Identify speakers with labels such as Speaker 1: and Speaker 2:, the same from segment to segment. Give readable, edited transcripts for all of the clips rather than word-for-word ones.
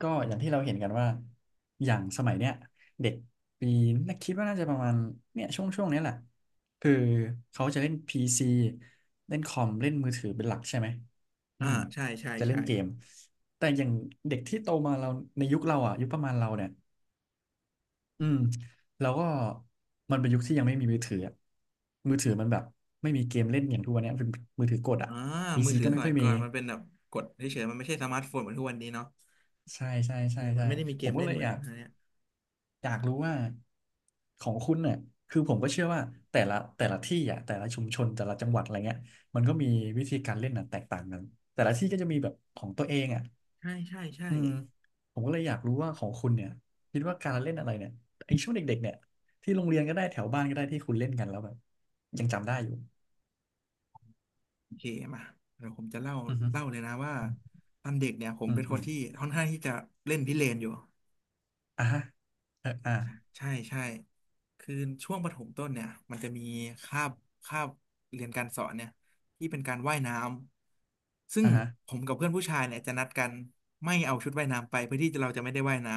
Speaker 1: ก็อย่างที่เราเห็นกันว่าอย่างสมัยเนี้ยเด็กปีน่าคิดว่าน่าจะประมาณเนี่ยช่วงช่วงนี้ยแหละคือเขาจะเล่นพีซีเล่นคอมเล่นมือถือเป็นหลักใช่ไหมอื
Speaker 2: อ่า
Speaker 1: ม
Speaker 2: ใช่ใช่
Speaker 1: จะเล่
Speaker 2: ใช่
Speaker 1: นเกมแต่อย่างเด็กที่โตมาเราในยุคเราอ่ะยุคประมาณเราเนี่ยอืมเราก็มันเป็นยุคที่ยังไม่มีมือถืออะมือถือมันแบบไม่มีเกมเล่นอย่างทุกวันเนี้ยเป็นมือถือกดอ่ะ
Speaker 2: อ่า
Speaker 1: พี
Speaker 2: มือ
Speaker 1: ซี
Speaker 2: ถือ
Speaker 1: ก็
Speaker 2: ส
Speaker 1: ไม่
Speaker 2: มั
Speaker 1: ค่อ
Speaker 2: ย
Speaker 1: ยมี
Speaker 2: ก่อนมันเป็นแบบกดเฉยๆมันไม่ใช่สมาร์ทโฟนเหมือนทุกวันนี้เนาะ
Speaker 1: ใช่ใช่
Speaker 2: เอ
Speaker 1: ใช่
Speaker 2: อมั
Speaker 1: ใช่
Speaker 2: นไม่ได้มีเก
Speaker 1: ผม
Speaker 2: ม
Speaker 1: ก็
Speaker 2: เล่
Speaker 1: เล
Speaker 2: น
Speaker 1: ย
Speaker 2: เหมื
Speaker 1: อ
Speaker 2: อน
Speaker 1: ยาก
Speaker 2: อันเนี้ย
Speaker 1: รู้ว่าของคุณเนี่ยคือผมก็เชื่อว่าแต่ละที่อ่ะแต่ละชุมชนแต่ละจังหวัดอะไรเงี้ยมันก็มีวิธีการเล่นน่งแตกต่างกันแต่ละที่ก็จะมีแบบของตัวเองอ่ะ
Speaker 2: ใช่ใช่ใช่
Speaker 1: อืมผมก็เลยอยากรู้ว่าของคุณเนี่ยคิดว่าการเล่นอะไรเนี่ยไอ้ช่วงเด็กๆเนี่ยที่โรงเรียนก็ได้แถวบ้านก็ได้ที่คุณเล่นกันแล้วแบบยังจำได้อยู่
Speaker 2: โอเคมาเดี๋ยวผมจะเล่า
Speaker 1: อือฮึ
Speaker 2: เล่าเลยนะว่าตอนเด็กเนี่ยผม
Speaker 1: อืม
Speaker 2: เป็นค
Speaker 1: อื
Speaker 2: น
Speaker 1: ม
Speaker 2: ที่ค่อนข้างที่จะเล่นพิเรนอยู่
Speaker 1: อ่ะฮะเอออ่ะ
Speaker 2: ใช่ใช่คือช่วงประถมต้นเนี่ยมันจะมีคาบคาบเรียนการสอนเนี่ยที่เป็นการว่ายน้ำซึ่ง
Speaker 1: อ่ะฮะ
Speaker 2: ผมกับเพื่อนผู้ชายเนี่ยจะนัดกันไม่เอาชุดว่ายน้ำไปเพื่อที่เราจะไม่ได้ว่ายน้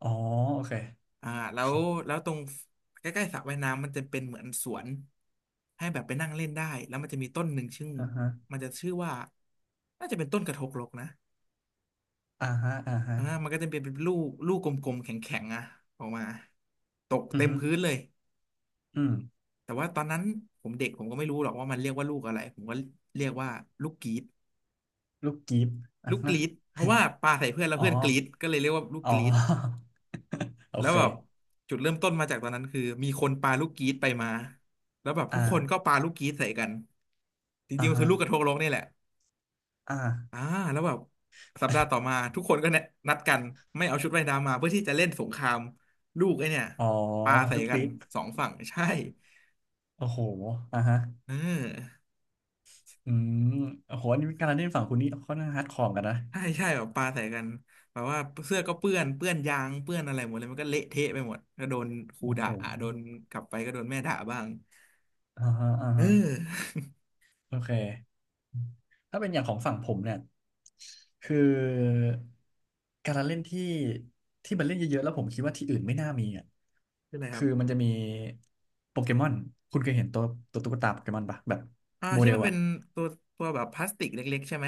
Speaker 1: อ๋อโอเค
Speaker 2: อ่าแล้วแล้วตรงใกล้ๆสระว่ายน้ำมันจะเป็นเหมือนสวนให้แบบไปนั่งเล่นได้แล้วมันจะมีต้นหนึ่งชื่อ
Speaker 1: อ่ะฮะ
Speaker 2: มันจะชื่อว่าน่าจะเป็นต้นกระทกลกนะ
Speaker 1: อ่ะฮะอ่าฮะ
Speaker 2: มันก็จะเป็นลูกกลมๆแข็งๆอะออกมาตก
Speaker 1: อือ
Speaker 2: เต็ม
Speaker 1: ฮึ
Speaker 2: พื้นเลย
Speaker 1: อืม
Speaker 2: แต่ว่าตอนนั้นผมเด็กผมก็ไม่รู้หรอกว่ามันเรียกว่าลูกอะไรผมก็เรียกว่าลูกกรีด
Speaker 1: ลูกกีบอ่ะ
Speaker 2: ลูกก
Speaker 1: ฮะ
Speaker 2: รีดเพราะว่าปาใส่เพื่อนแล้ ว
Speaker 1: อ๋อ
Speaker 2: เพื่อนกรีดก็เลยเรียกว่าลูก
Speaker 1: อ๋
Speaker 2: กรีด
Speaker 1: อ โอ
Speaker 2: แล้ว
Speaker 1: เ
Speaker 2: แบบ
Speaker 1: ค
Speaker 2: จุดเริ่มต้นมาจากตอนนั้นคือมีคนปาลูกกีตไปมาแล้วแบบทุกคนก็
Speaker 1: อ่า
Speaker 2: ปาลูกกีตใส่กันจ
Speaker 1: อ่า
Speaker 2: ริงๆมัน
Speaker 1: ฮะ
Speaker 2: คือลูกกระทงโลกนี่แหละ
Speaker 1: อ่
Speaker 2: อ่า
Speaker 1: า
Speaker 2: แล้วแบบสัปดาห์ต่อมาทุกคนก็เนี่ยนัดกันไม่เอาชุดว่ายน้ำมาเพื่อที่จะเล่นสงครามลูกไอ้เนี่ย
Speaker 1: อ๋อ
Speaker 2: ปาใส่
Speaker 1: ลูก
Speaker 2: กั
Speaker 1: ปิ
Speaker 2: น
Speaker 1: ฟ
Speaker 2: สองฝั่งใช่
Speaker 1: โอ้โหอ่าฮะ
Speaker 2: เออ
Speaker 1: อืมโอ้โหอันนี้การเล่นฝั่งคุณนี่ค่อนข้างฮาร์ดคอร์กันนะ
Speaker 2: ใช่ใช่แบบปาใส่กันแบบว่าเสื้อก็เปื้อนเปื้อนยางเปื้อนอะไรหมดเลยมันก็เละเทะไปหมดก็โดนครู
Speaker 1: โอ้โห
Speaker 2: ด่าโดนกลับไปก็โดนแม่ด่าบ้าง
Speaker 1: อ่าฮะอ่า
Speaker 2: เอ
Speaker 1: ฮะ
Speaker 2: อ
Speaker 1: โอเคถ้าเป็นอย่างของฝั่งผมเนี่ยคือการละเล่นที่ที่มันเล่นเยอะๆแล้วผมคิดว่าที่อื่นไม่น่ามีอ่ะ
Speaker 2: เปไรครั
Speaker 1: คื
Speaker 2: บ
Speaker 1: อมันจะมีโปเกมอนคุณเคยเห็นตัวตัวตุ๊กตาโปเกมอนปะแบบโม
Speaker 2: ที่
Speaker 1: เดล
Speaker 2: มันเป็
Speaker 1: อ่ะ
Speaker 2: นตัวตัวแบบพลาสติกเล็กๆใช่ไหม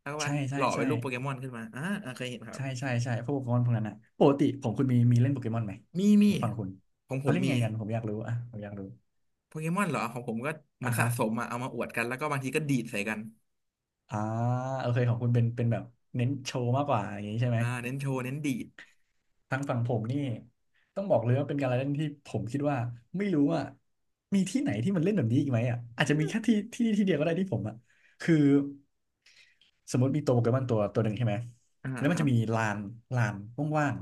Speaker 2: แล้วก็วา
Speaker 1: ใช่
Speaker 2: ดห
Speaker 1: ใช่
Speaker 2: ล่อ
Speaker 1: ใช่
Speaker 2: เป็นรูปโปเกมอนขึ้นมาเคยเห็นครับ
Speaker 1: ใช่ใช่ใช่พวกโปเกมอนพวกนั้นนะปกติของคุณมีมีเล่นโปเกมอนไหม
Speaker 2: มี
Speaker 1: ผ
Speaker 2: มี
Speaker 1: มฟังคุณ
Speaker 2: ของผ
Speaker 1: เขา
Speaker 2: ม
Speaker 1: เล่น
Speaker 2: มี
Speaker 1: ไงกันผมอยากรู้อ่ะผมอยากรู้
Speaker 2: โปเกมอนเหรอของผมก็เหมื
Speaker 1: อ่ะ
Speaker 2: อนสะ
Speaker 1: ฮะ
Speaker 2: สมอะเอามาอวดกันแล้วก็บางทีก็ดีดใส่กัน
Speaker 1: อ่าโอเคของคุณเป็นเป็นแบบเน้นโชว์มากกว่าอย่างนี้ใช่ไหม
Speaker 2: เน้นโชว์เน้นดีด
Speaker 1: ทางฝั่งผมนี่ต้องบอกเลยว่าเป็นการละเล่นที่ผมคิดว่าไม่รู้ว่ามีที่ไหนที่มันเล่นแบบนี้อีกไหมอ่ะ อาจจะมีแค่ที่ที่เดียวก็ได้ที่ผมอ่ะคือ สมมติมีตัวโปเกมอนตัวตัวหนึ่งใช่ไหมแล้วมั
Speaker 2: ค
Speaker 1: น
Speaker 2: รั
Speaker 1: จะ
Speaker 2: บ
Speaker 1: มีลานลานว่าง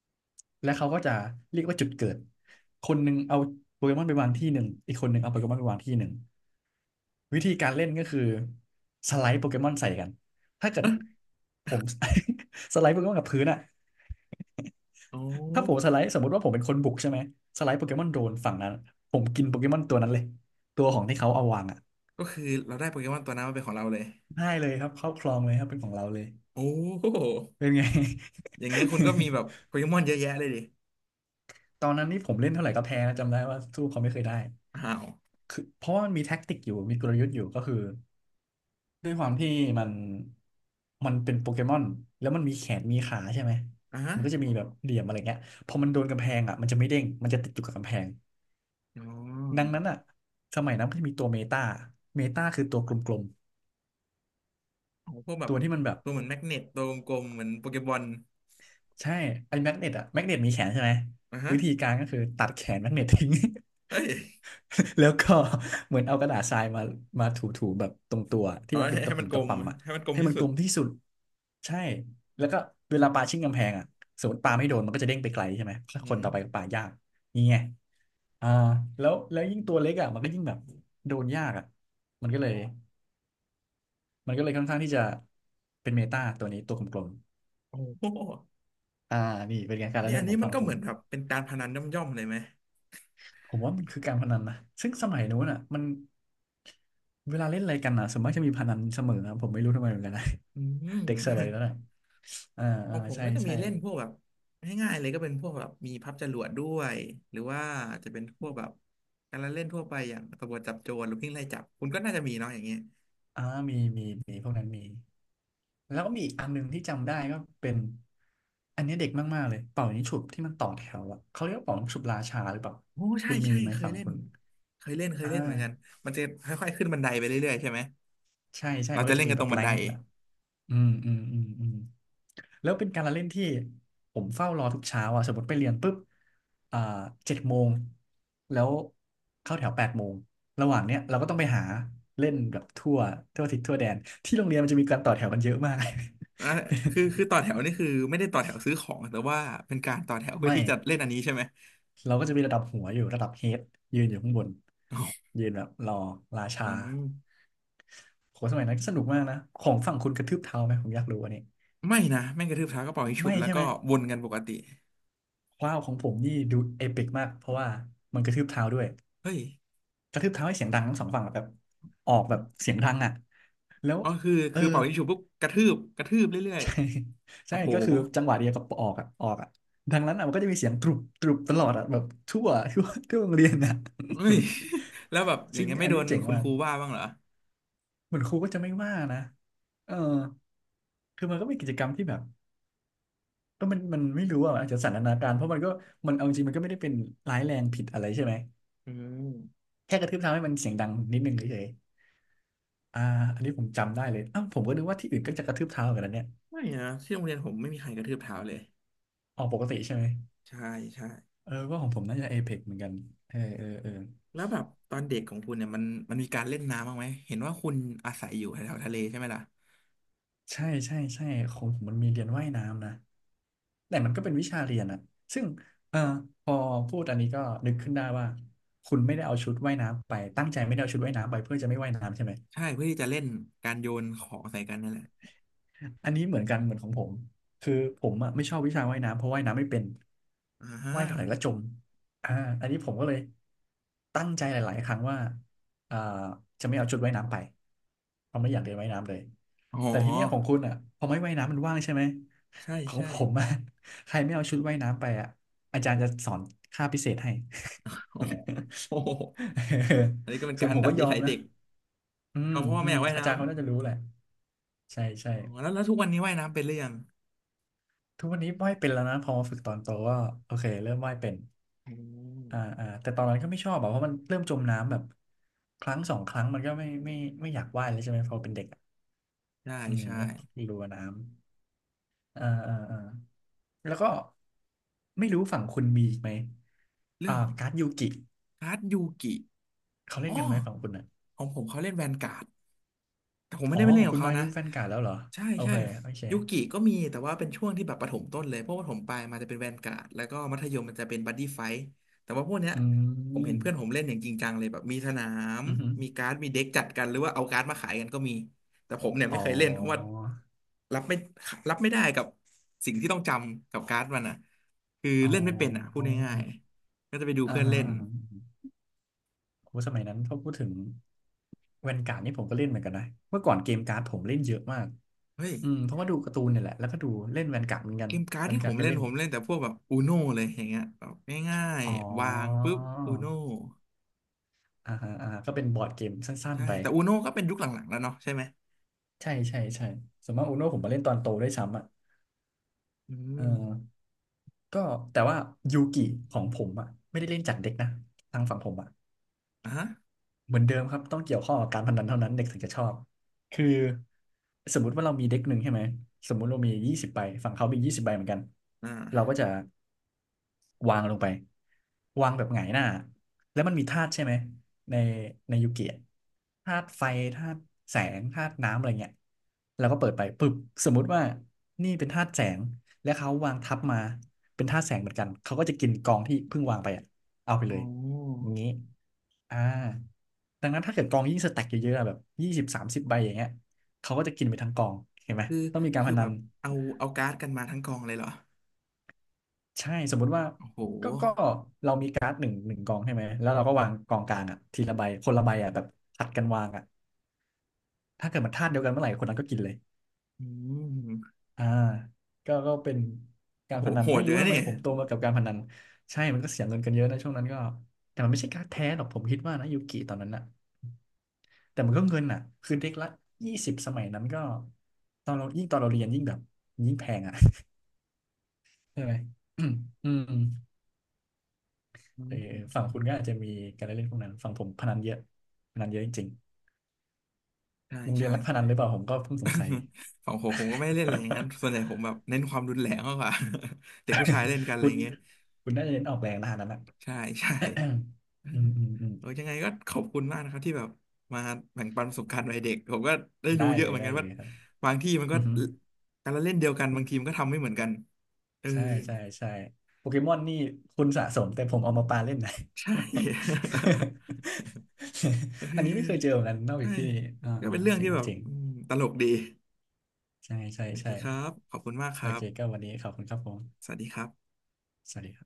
Speaker 1: ๆและเขาก็จะเรียกว่าจุดเกิด คนหนึ่งเอาโปเกมอนไปวางที่หนึ่ง อีกคนหนึ่งเอาโปเกมอนไปวางที่หนึ่ง วิธีการเล่นก็คือสไลด์โปเกมอนใส่กันถ้าเกิดผม สไลด์โปเกมอนกับพื้นอะ
Speaker 2: โอ้
Speaker 1: ถ้าผมสไลด์สมมติว่าผมเป็นคนบุกใช่ไหมสไลด์โปเกมอนโดนฝั่งนั้นผมกินโปเกมอนตัวนั้นเลยตัวของที่เขาเอาวางอ่ะ
Speaker 2: ก็คือเราได้โปเกมอนตัวนั้นมาเป็นของเราเลย
Speaker 1: ได้เลยครับเข้าครองเลยครับเป็นของเราเลย
Speaker 2: โอ้โห
Speaker 1: เป็นไง
Speaker 2: อย่างเงี้ยคุณก็มีแบบ โปเกมอนเยอะแยะเลยดิ
Speaker 1: ตอนนั้นนี่ผมเล่นเท่าไหร่ก็แพ้นะจำได้ว่าสู้เขาไม่เคยได้
Speaker 2: อ้าว
Speaker 1: คือเพราะว่ามันมีแท็กติกอยู่มีกลยุทธ์อยู่ก็คือด้วยความที่มันมันเป็นโปเกมอนแล้วมันมีแขนมีขาใช่ไหม
Speaker 2: อ่ะ
Speaker 1: มันก็จะมีแบบเหลี่ยมอะไรเงี้ยพอมันโดนกำแพงอ่ะมันจะไม่เด้งมันจะติดอยู่กับกำแพง
Speaker 2: อ๋อ
Speaker 1: ดังนั้นอ่ะสมัยนั้นมันจะมีตัวเมตาเมตาคือตัวกลม
Speaker 2: ของพวกแบ
Speaker 1: ๆตั
Speaker 2: บ
Speaker 1: วที่มันแบบ
Speaker 2: ตัวเหมือนแมกเนตตัวกลมๆเหมือนโปเกมอล
Speaker 1: ใช่ไอ้แมกเนตอะแมกเนตมีแขนใช่ไหม
Speaker 2: อ่ะฮะ
Speaker 1: วิธีการก็คือตัดแขนแมกเนตทิ้ง
Speaker 2: เอ้ย
Speaker 1: แล้วก็เหมือนเอากระดาษทรายมามาถูๆแบบตรงตัวที่
Speaker 2: อ๋อ
Speaker 1: มันเป็
Speaker 2: ให้
Speaker 1: นตะ
Speaker 2: ให้มั
Speaker 1: ปุ่
Speaker 2: น
Speaker 1: ม
Speaker 2: กล
Speaker 1: ตะ
Speaker 2: ม
Speaker 1: ป่ำอะ
Speaker 2: ให้มันกลม
Speaker 1: ให้
Speaker 2: ที่
Speaker 1: มันก
Speaker 2: สุ
Speaker 1: ล
Speaker 2: ด
Speaker 1: มที่สุดใช่แล้วก็เวลาปาชิ่งกำแพงอะสมมติปาไม่โดนมันก็จะเด้งไปไกลใช่ไหมถ้า
Speaker 2: อื
Speaker 1: คน
Speaker 2: ม
Speaker 1: ต่อไปก็ปายากนี่ไงอ่าแล้วยิ่งตัวเล็กอะมันก็ยิ่งแบบโดนยากอะมันก็เลยมันก็เลยค่อนข้างที่จะเป็นเมตาตัวนี้ตัวกลม
Speaker 2: โอ้โห
Speaker 1: ๆอ่านี่เป็นไงการละ
Speaker 2: นี่
Speaker 1: เล่
Speaker 2: อั
Speaker 1: น
Speaker 2: น
Speaker 1: ขอ
Speaker 2: นี้
Speaker 1: ง
Speaker 2: มัน
Speaker 1: ฝั่ง
Speaker 2: ก็
Speaker 1: ผ
Speaker 2: เห
Speaker 1: ม
Speaker 2: มือนแบบเป็นการพนันย่อมๆเลยไหม
Speaker 1: ผมว่ามันคือการพนันนะซึ่งสมัยนู้นอ่ะมันเวลาเล่นอะไรกันอ่ะส่วนมากจะมีพนันเสมอนะผมไม่รู้ทำไมเหมือนกันนะ
Speaker 2: อื
Speaker 1: เด็กสมัย
Speaker 2: ม
Speaker 1: นั้นอ่ะอ่า
Speaker 2: ข
Speaker 1: อ่า
Speaker 2: องผม
Speaker 1: ใช่
Speaker 2: ก็จะมี
Speaker 1: ใช่
Speaker 2: เล่นพวกแบบง่ายๆเลยก็เป็นพวกแบบมีพับจรวดด้วยหรือว่าจะเป็นพวกแบบการละเล่นทั่วไปอย่างตำรวจจับโจรหรือวิ่งไล่จับคุณก็น่าจะมีเนาะอย่างเงี้ย
Speaker 1: อ่ามีมีมีพวกนั้นมีแล้วก็มีอีกอันหนึ่งที่จำได้ก็เป็นอันนี้เด็กมากๆเลยเป่ายิงฉุบที่มันต่อแถวอ่ะเขาเรียกว่าเป่ายิงฉุบราชาหรือเปล่า
Speaker 2: โอ้ใช่
Speaker 1: คุณมี
Speaker 2: ใช่
Speaker 1: ไหม
Speaker 2: เคย
Speaker 1: ฝั่ง
Speaker 2: เล่
Speaker 1: คุ
Speaker 2: น
Speaker 1: ณ
Speaker 2: เคยเล่น
Speaker 1: อ่
Speaker 2: เหมือนกัน
Speaker 1: า
Speaker 2: มันจะค่อยๆขึ้นบันไดไปเรื่อยๆใช่ไหม
Speaker 1: ใช่ใช่
Speaker 2: เรา
Speaker 1: มัน
Speaker 2: จะ
Speaker 1: ก็
Speaker 2: เล่
Speaker 1: จะ
Speaker 2: น
Speaker 1: มี
Speaker 2: กัน
Speaker 1: แบ
Speaker 2: ตร
Speaker 1: บ
Speaker 2: งบั
Speaker 1: แร
Speaker 2: นได
Speaker 1: งค์อ่ะอืม แล้วเป็นการละเล่นที่ผมเฝ้ารอทุกเช้าอ่ะสมมติไปเรียนปุ๊บอ่า7 โมงแล้วเข้าแถว8 โมงระหว่างเนี้ยเราก็ต้องไปหาเล่นแบบทั่วทิศทั่วแดนที่โรงเรียนมันจะมีการต่อแถวกันเยอะมาก
Speaker 2: อ่ะคือคือต่อแถวนี่คือไม่ได้ต่อแถวซื้อของแต่ว่าเป็นการต่อแถว เพื่อ
Speaker 1: ไม่
Speaker 2: ที่จะเล่นอันนี้ใช่ไหม
Speaker 1: เราก็จะมีระดับหัวอยู่ระดับเฮดยืนอยู่ข้างบนยืนแบบรอราชา
Speaker 2: อืม
Speaker 1: โหสมัยนั้นก็สนุกมากนะของฝั่งคุณกระทืบเท้าไหมผมอยากรู้อันนี้
Speaker 2: ไม่นะแม่งกระทืบเท้าก็เป่ายิงฉุ
Speaker 1: ไม่
Speaker 2: บแล้ว
Speaker 1: ใช่ไห
Speaker 2: ก็
Speaker 1: ม
Speaker 2: วนกันปกติ
Speaker 1: ว้าวของผมนี่ดูเอปิกมากเพราะว่ามันกระทืบเท้าด้วย
Speaker 2: เฮ้ย
Speaker 1: กระทืบเท้าให้เสียงดังทั้งสองฝั่งอะแบบออกแบบเสียงดังแล้ว
Speaker 2: อ๋อคือ
Speaker 1: เออ
Speaker 2: คือเป่ายิงฉุบปุ๊บกระทืบกระทืบเรื่อ ย
Speaker 1: ใช่
Speaker 2: ๆโอ้
Speaker 1: ใช่
Speaker 2: โห
Speaker 1: ก็คือจังหวะเดียวกับออกออกดังนั้นมันก็จะมีเสียงตรุบตรุบตลอดแบบทั่ว ทั่วโรงเรียน
Speaker 2: เฮ้ย แล้วแบบ อ
Speaker 1: จ
Speaker 2: ย่า
Speaker 1: ริ
Speaker 2: ง
Speaker 1: ง
Speaker 2: เงี้ยไม่
Speaker 1: อัน
Speaker 2: โด
Speaker 1: นี้
Speaker 2: น
Speaker 1: เจ๋ง
Speaker 2: คุณ
Speaker 1: มา
Speaker 2: ค
Speaker 1: ก
Speaker 2: รูว่าบ้างเหรอ
Speaker 1: เหมือนครูก็จะไม่ว่านะเออคือมันก็เป็นกิจกรรมที่แบบก็มันไม่รู้อาจจะสันทนาการเพราะมันก็มันเอาจริงมันก็ไม่ได้เป็นร้ายแรงผิดอะไรใช่ไหม
Speaker 2: อืม
Speaker 1: แค่กระทืบเท้าให้มันเสียงดังนิดนึงเฉยๆอันนี้ผมจำได้เลยอ้าวผมก็นึกว่าที่อื่นก็จะกระทืบเท้ากันแล้วเนี่ย
Speaker 2: ไม่นะที่โรงเรียนผมไม่มีใครกระทืบเท้าเลย
Speaker 1: ออกปกติใช่ไหม
Speaker 2: ใช่ใช่
Speaker 1: เออก็ของผมน่าจะเอเ x เหมือนกันเออเออเออ
Speaker 2: แล้วแบบตอนเด็กของคุณเนี่ยมันมีการเล่นน้ำบ้างไหมเห็นว่าคุณอาศัยอยู่แถวๆทะเลใช่ไหมล่ะ
Speaker 1: ใช่ใช่ใช่ของผมมันมีเรียนว่ายน้ำนะแต่มันก็เป็นวิชาเรียนอะซึ่งเออพอพูดอันนี้ก็นึกขึ้นได้ว่า คุณไม่ได้เอาชุดว่ายน้ำไป ตั้งใจไม่ได้เอาชุดว่ายน้ำไปเพื่อจะไม่ว่ายน้ำใช่ไหม
Speaker 2: ใช่เพื่อที่จะเล่นการโยนของใส่กันนั่นแหละ
Speaker 1: อันนี้เหมือนกันเหมือนของผมคือผมไม่ชอบวิชาว่ายน้ำเพราะว่ายน้ำไม่เป็น
Speaker 2: อ่าฮะ
Speaker 1: ว่ายเท่าไหร่ก็จมอ่าอันนี้ผมก็เลยตั้งใจหลายๆครั้งว่าอ่าจะไม่เอาชุดว่ายน้ำไปเพราะไม่อยากเรียนว่ายน้ำเลย
Speaker 2: อ๋
Speaker 1: แต่ทีเนี้ยของ
Speaker 2: อ
Speaker 1: คุณพอไม่ว่ายน้ำมันว่างใช่ไหม
Speaker 2: ใช่
Speaker 1: ของ
Speaker 2: ใช่
Speaker 1: ผมใครไม่เอาชุดว่ายน้ำไปอาจารย์จะสอนค่าพิเศษให้
Speaker 2: โอ้โห อันนี้ก็เป็ น
Speaker 1: ส่ว
Speaker 2: กา
Speaker 1: น
Speaker 2: ร
Speaker 1: ผม
Speaker 2: ดั
Speaker 1: ก็
Speaker 2: ด
Speaker 1: ย
Speaker 2: นิ
Speaker 1: อม
Speaker 2: สัย
Speaker 1: นะ
Speaker 2: เด็ก
Speaker 1: อืม
Speaker 2: เอาเพราะว่า
Speaker 1: อื
Speaker 2: ไม่
Speaker 1: ม
Speaker 2: อยากว่าย
Speaker 1: อา
Speaker 2: น้
Speaker 1: จารย์เขาน่าจะรู้แหละใช่ใช่
Speaker 2: ำอ๋อแล้วแล้วทุกวันนี้ว่ายน้ำเป็นหรือยัง
Speaker 1: ทุกวันนี้ว่ายเป็นแล้วนะพอมาฝึกตอนโตก็โอเคเริ่มว่ายเป็น
Speaker 2: อืม
Speaker 1: แต่ตอนนั้นก็ไม่ชอบอะเพราะมันเริ่มจมน้ำแบบครั้งสองครั้งมันก็ไม่อยากว่ายเลยใช่ไหมพอเป็นเด็กอะ
Speaker 2: ใช่
Speaker 1: อืม
Speaker 2: ใช่
Speaker 1: ก็กลัวน้ำอ่าอ่าอ่าแล้วก็ไม่รู้ฝั่งคุณมีอีกไหม
Speaker 2: เรื่อง
Speaker 1: การ์ดยูกิ
Speaker 2: การ์ดยูกิ
Speaker 1: เขาเล่
Speaker 2: อ๋
Speaker 1: น
Speaker 2: อ
Speaker 1: กันไหมฝั่งคุณ
Speaker 2: ของผมเขาเล่นแวนการ์ด แต่ผมไม่
Speaker 1: อ๋อ
Speaker 2: ได้ไป
Speaker 1: ข
Speaker 2: เล่
Speaker 1: อ
Speaker 2: น
Speaker 1: ง
Speaker 2: กับ
Speaker 1: คุณ
Speaker 2: เขา
Speaker 1: มายุ
Speaker 2: นะ
Speaker 1: คแฟนการ์ดแล้วเหรอ
Speaker 2: ใช่
Speaker 1: โอ
Speaker 2: ใช่
Speaker 1: เคโอเค
Speaker 2: ยุกิก็มีแต่ว่าเป็นช่วงที่แบบประถมต้นเลยเพวกประถมปลายมาจะเป็นแวนการ์ดแล้วก็มัธยมมันจะเป็นบัดดี้ไฟท์แต่ว่าพวกเนี้ย
Speaker 1: อื
Speaker 2: ผมเห็น
Speaker 1: ม
Speaker 2: เพื่อนผมเล่นอย่างจริงจังเลยแบบมีสนาม
Speaker 1: อือหือ
Speaker 2: มีการ์ดมีเด็กจัดกันหรือว่าเอาการ์ดมาขายกันก็มีแต่ผมเนี่ย
Speaker 1: อ๋อ
Speaker 2: ไม่เคยเล่นเพราะว่ารับไม่รับไม่ได้กับสิ่งที่ต้องจำกับการ์ดมันอ่ะคือ
Speaker 1: อ๋
Speaker 2: เล่นไม่เป็นอ่ะพูด
Speaker 1: อ
Speaker 2: ง่ายๆก็จะไปดู
Speaker 1: อ่า
Speaker 2: เพื่อน
Speaker 1: ฮะ
Speaker 2: เล่น
Speaker 1: อ่าฮะ โหสมัยนั้นถ้าพูดถึงแวนการ์ดนี่ผมก็เล่นเหมือนกันนะเมื่อก่อนเกมการ์ดผมเล่นเยอะมาก
Speaker 2: เฮ้ย
Speaker 1: อืมเพราะว่าดูการ์ตูนเนี่ยแหละแล้วก็ดูเล่นแวนการ์ดเหมือนกั
Speaker 2: เก
Speaker 1: น
Speaker 2: มการ์ด
Speaker 1: แวน
Speaker 2: ที่ผ
Speaker 1: การ์ด
Speaker 2: ม
Speaker 1: ก็
Speaker 2: เล่น
Speaker 1: เล่น
Speaker 2: ผมเล่นแต่พวกแบบอูโนเลยอย่างเงี้ยแบบง่าย
Speaker 1: อ๋อ
Speaker 2: ๆวางปุ๊บอูโน
Speaker 1: อ่าฮะอ่าฮะก็เป็นบอร์ดเกมสั้น
Speaker 2: ใช่
Speaker 1: ๆไป
Speaker 2: แต่อูโนก็เป็นยุคหลังๆแล้วเนาะใช่ไหม
Speaker 1: ใช่ใช่ใช่ส่วนมากอูโน่ผมมาเล่นตอนโตด้วยซ้ำ
Speaker 2: อื
Speaker 1: เอ
Speaker 2: ม
Speaker 1: อก็แต่ว่ายูกิของผมไม่ได้เล่นจากเด็กนะทางฝั่งผม
Speaker 2: อ่ะฮะ
Speaker 1: เหมือนเดิมครับต้องเกี่ยวข้องกับการพนันเท่านั้นเด็กถึงจะชอบคือสมมุติว่าเรามีเด็กหนึ่งใช่ไหมสมมุติเรามียี่สิบใบฝั่งเขามียี่สิบใบเหมือนกัน
Speaker 2: อ่
Speaker 1: เราก็
Speaker 2: า
Speaker 1: จะวางลงไปวางแบบหงายหน้าแล้วมันมีธาตุใช่ไหมในในยูเกียธาตุไฟธาตุแสงธาตุน้ำอะไรเงี้ยเราก็เปิดไปปึ๊บสมมุติว่านี่เป็นธาตุแสงและเขาวางทับมาเป็นธาตุแสงเหมือนกันเขาก็จะกินกองที่เพิ่งวางไปอะเอาไป
Speaker 2: โอ
Speaker 1: เลย
Speaker 2: ้
Speaker 1: อย่างนี้ อ่าดังนั้นถ้าเกิดกองยิ่งสแต็กเยอะๆอะแบบ20 30 ใบอย่างเงี้ยเขาก็จะกินไปทั้งกองเห็นไหม
Speaker 2: คือ
Speaker 1: ต้องมีการพ
Speaker 2: คือ
Speaker 1: นั
Speaker 2: แบ
Speaker 1: น
Speaker 2: บเอาเอาการ์ดกันมาทั้งกองเลยเหรอ
Speaker 1: ใช่สมมุติว่า
Speaker 2: โอ้โห
Speaker 1: ก็เรามีการ์ดหนึ่งกองใช่ไหมแล้วเราก็วางกองกลางทีละใบคนละใบแบบผัดกันวางถ้าเกิดมันธาตุเดียวกันเมื่อไหร่คนนั้นก็กินเลย
Speaker 2: อืม
Speaker 1: อ่าก็เป็นกา
Speaker 2: โอ้
Speaker 1: ร
Speaker 2: โห
Speaker 1: พนัน
Speaker 2: โห
Speaker 1: ไม่
Speaker 2: ดอ
Speaker 1: รู้
Speaker 2: ยู่นะ
Speaker 1: ทำไม
Speaker 2: นี่
Speaker 1: ผมโตมากับการพนันใช่มันก็เสียเงินกันเยอะนะช่วงนั้นก็แต่มันไม่ใช่การ์ดแท้หรอกผมคิดว่านะยูกิตอนนั้นแต่มันก็เงินคือเด็กละ 20สมัยนั้นก็ตอนเราเรียนยิ่งแบบยิ่งแพง ใช่ไหมอืม อืม
Speaker 2: อื
Speaker 1: เออฝั่ง
Speaker 2: ม
Speaker 1: คุณก็อาจจะมีการเล่นพวกนั้น ฝั่งผมพนันเยอะพนันเยอะจริง
Speaker 2: ใช่
Speaker 1: ๆโรงเรีย
Speaker 2: ใช่
Speaker 1: นรักพนั
Speaker 2: ใช่
Speaker 1: นหรือเปล่าผมก็เพิ่งสงสัย
Speaker 2: ของผมผมก็ไม่ได้เล่นอะไรอย่างนั้ นส่วนใหญ่ผมแบบเน้นความรุนแรงมากกว่า เด็กผู้ชายเล่นกันอะไร
Speaker 1: คุ
Speaker 2: อ
Speaker 1: ณ
Speaker 2: ย่างเงี้ย
Speaker 1: คุณน่าจะเล่นออกแรงนะอันนั้น
Speaker 2: ใช่ใช่
Speaker 1: อืมอืมอืม
Speaker 2: เออยังไงก็ขอบคุณมากนะครับที่แบบมาแบ่งปันประสบการณ์วัยเด็กผมก็ได้
Speaker 1: ได้
Speaker 2: รู้เย
Speaker 1: เล
Speaker 2: อะเห
Speaker 1: ย
Speaker 2: มือน
Speaker 1: ได้
Speaker 2: กัน
Speaker 1: เล
Speaker 2: ว่า
Speaker 1: ยครับ
Speaker 2: บางที่มันก็
Speaker 1: อืม
Speaker 2: การละเล่นเดียวกันบางทีมันก็ทำไม่เหมือนกันเออ
Speaker 1: ใช่ใช่ใช่ โปเกมอนนี่คุณสะสมแต่ผมเอามาปาเล่นนะ
Speaker 2: ใช่ เอ
Speaker 1: อันนี้ไม่
Speaker 2: อ
Speaker 1: เคยเจอเหมือนกันนอกจา
Speaker 2: ใช่
Speaker 1: กที่นี่
Speaker 2: ก็เป็นเรื่อง
Speaker 1: เจ๋
Speaker 2: ที่
Speaker 1: ง
Speaker 2: แบบ
Speaker 1: เจ๋ง
Speaker 2: อืมตลกดี
Speaker 1: ใช่ใช่
Speaker 2: โอเค
Speaker 1: ใช่
Speaker 2: ครับขอบคุณมากค
Speaker 1: โอ
Speaker 2: รั
Speaker 1: เคก็
Speaker 2: บ
Speaker 1: วันนี้ขอบคุณครับผม
Speaker 2: สวัสดีครับ
Speaker 1: สวัสดีครับ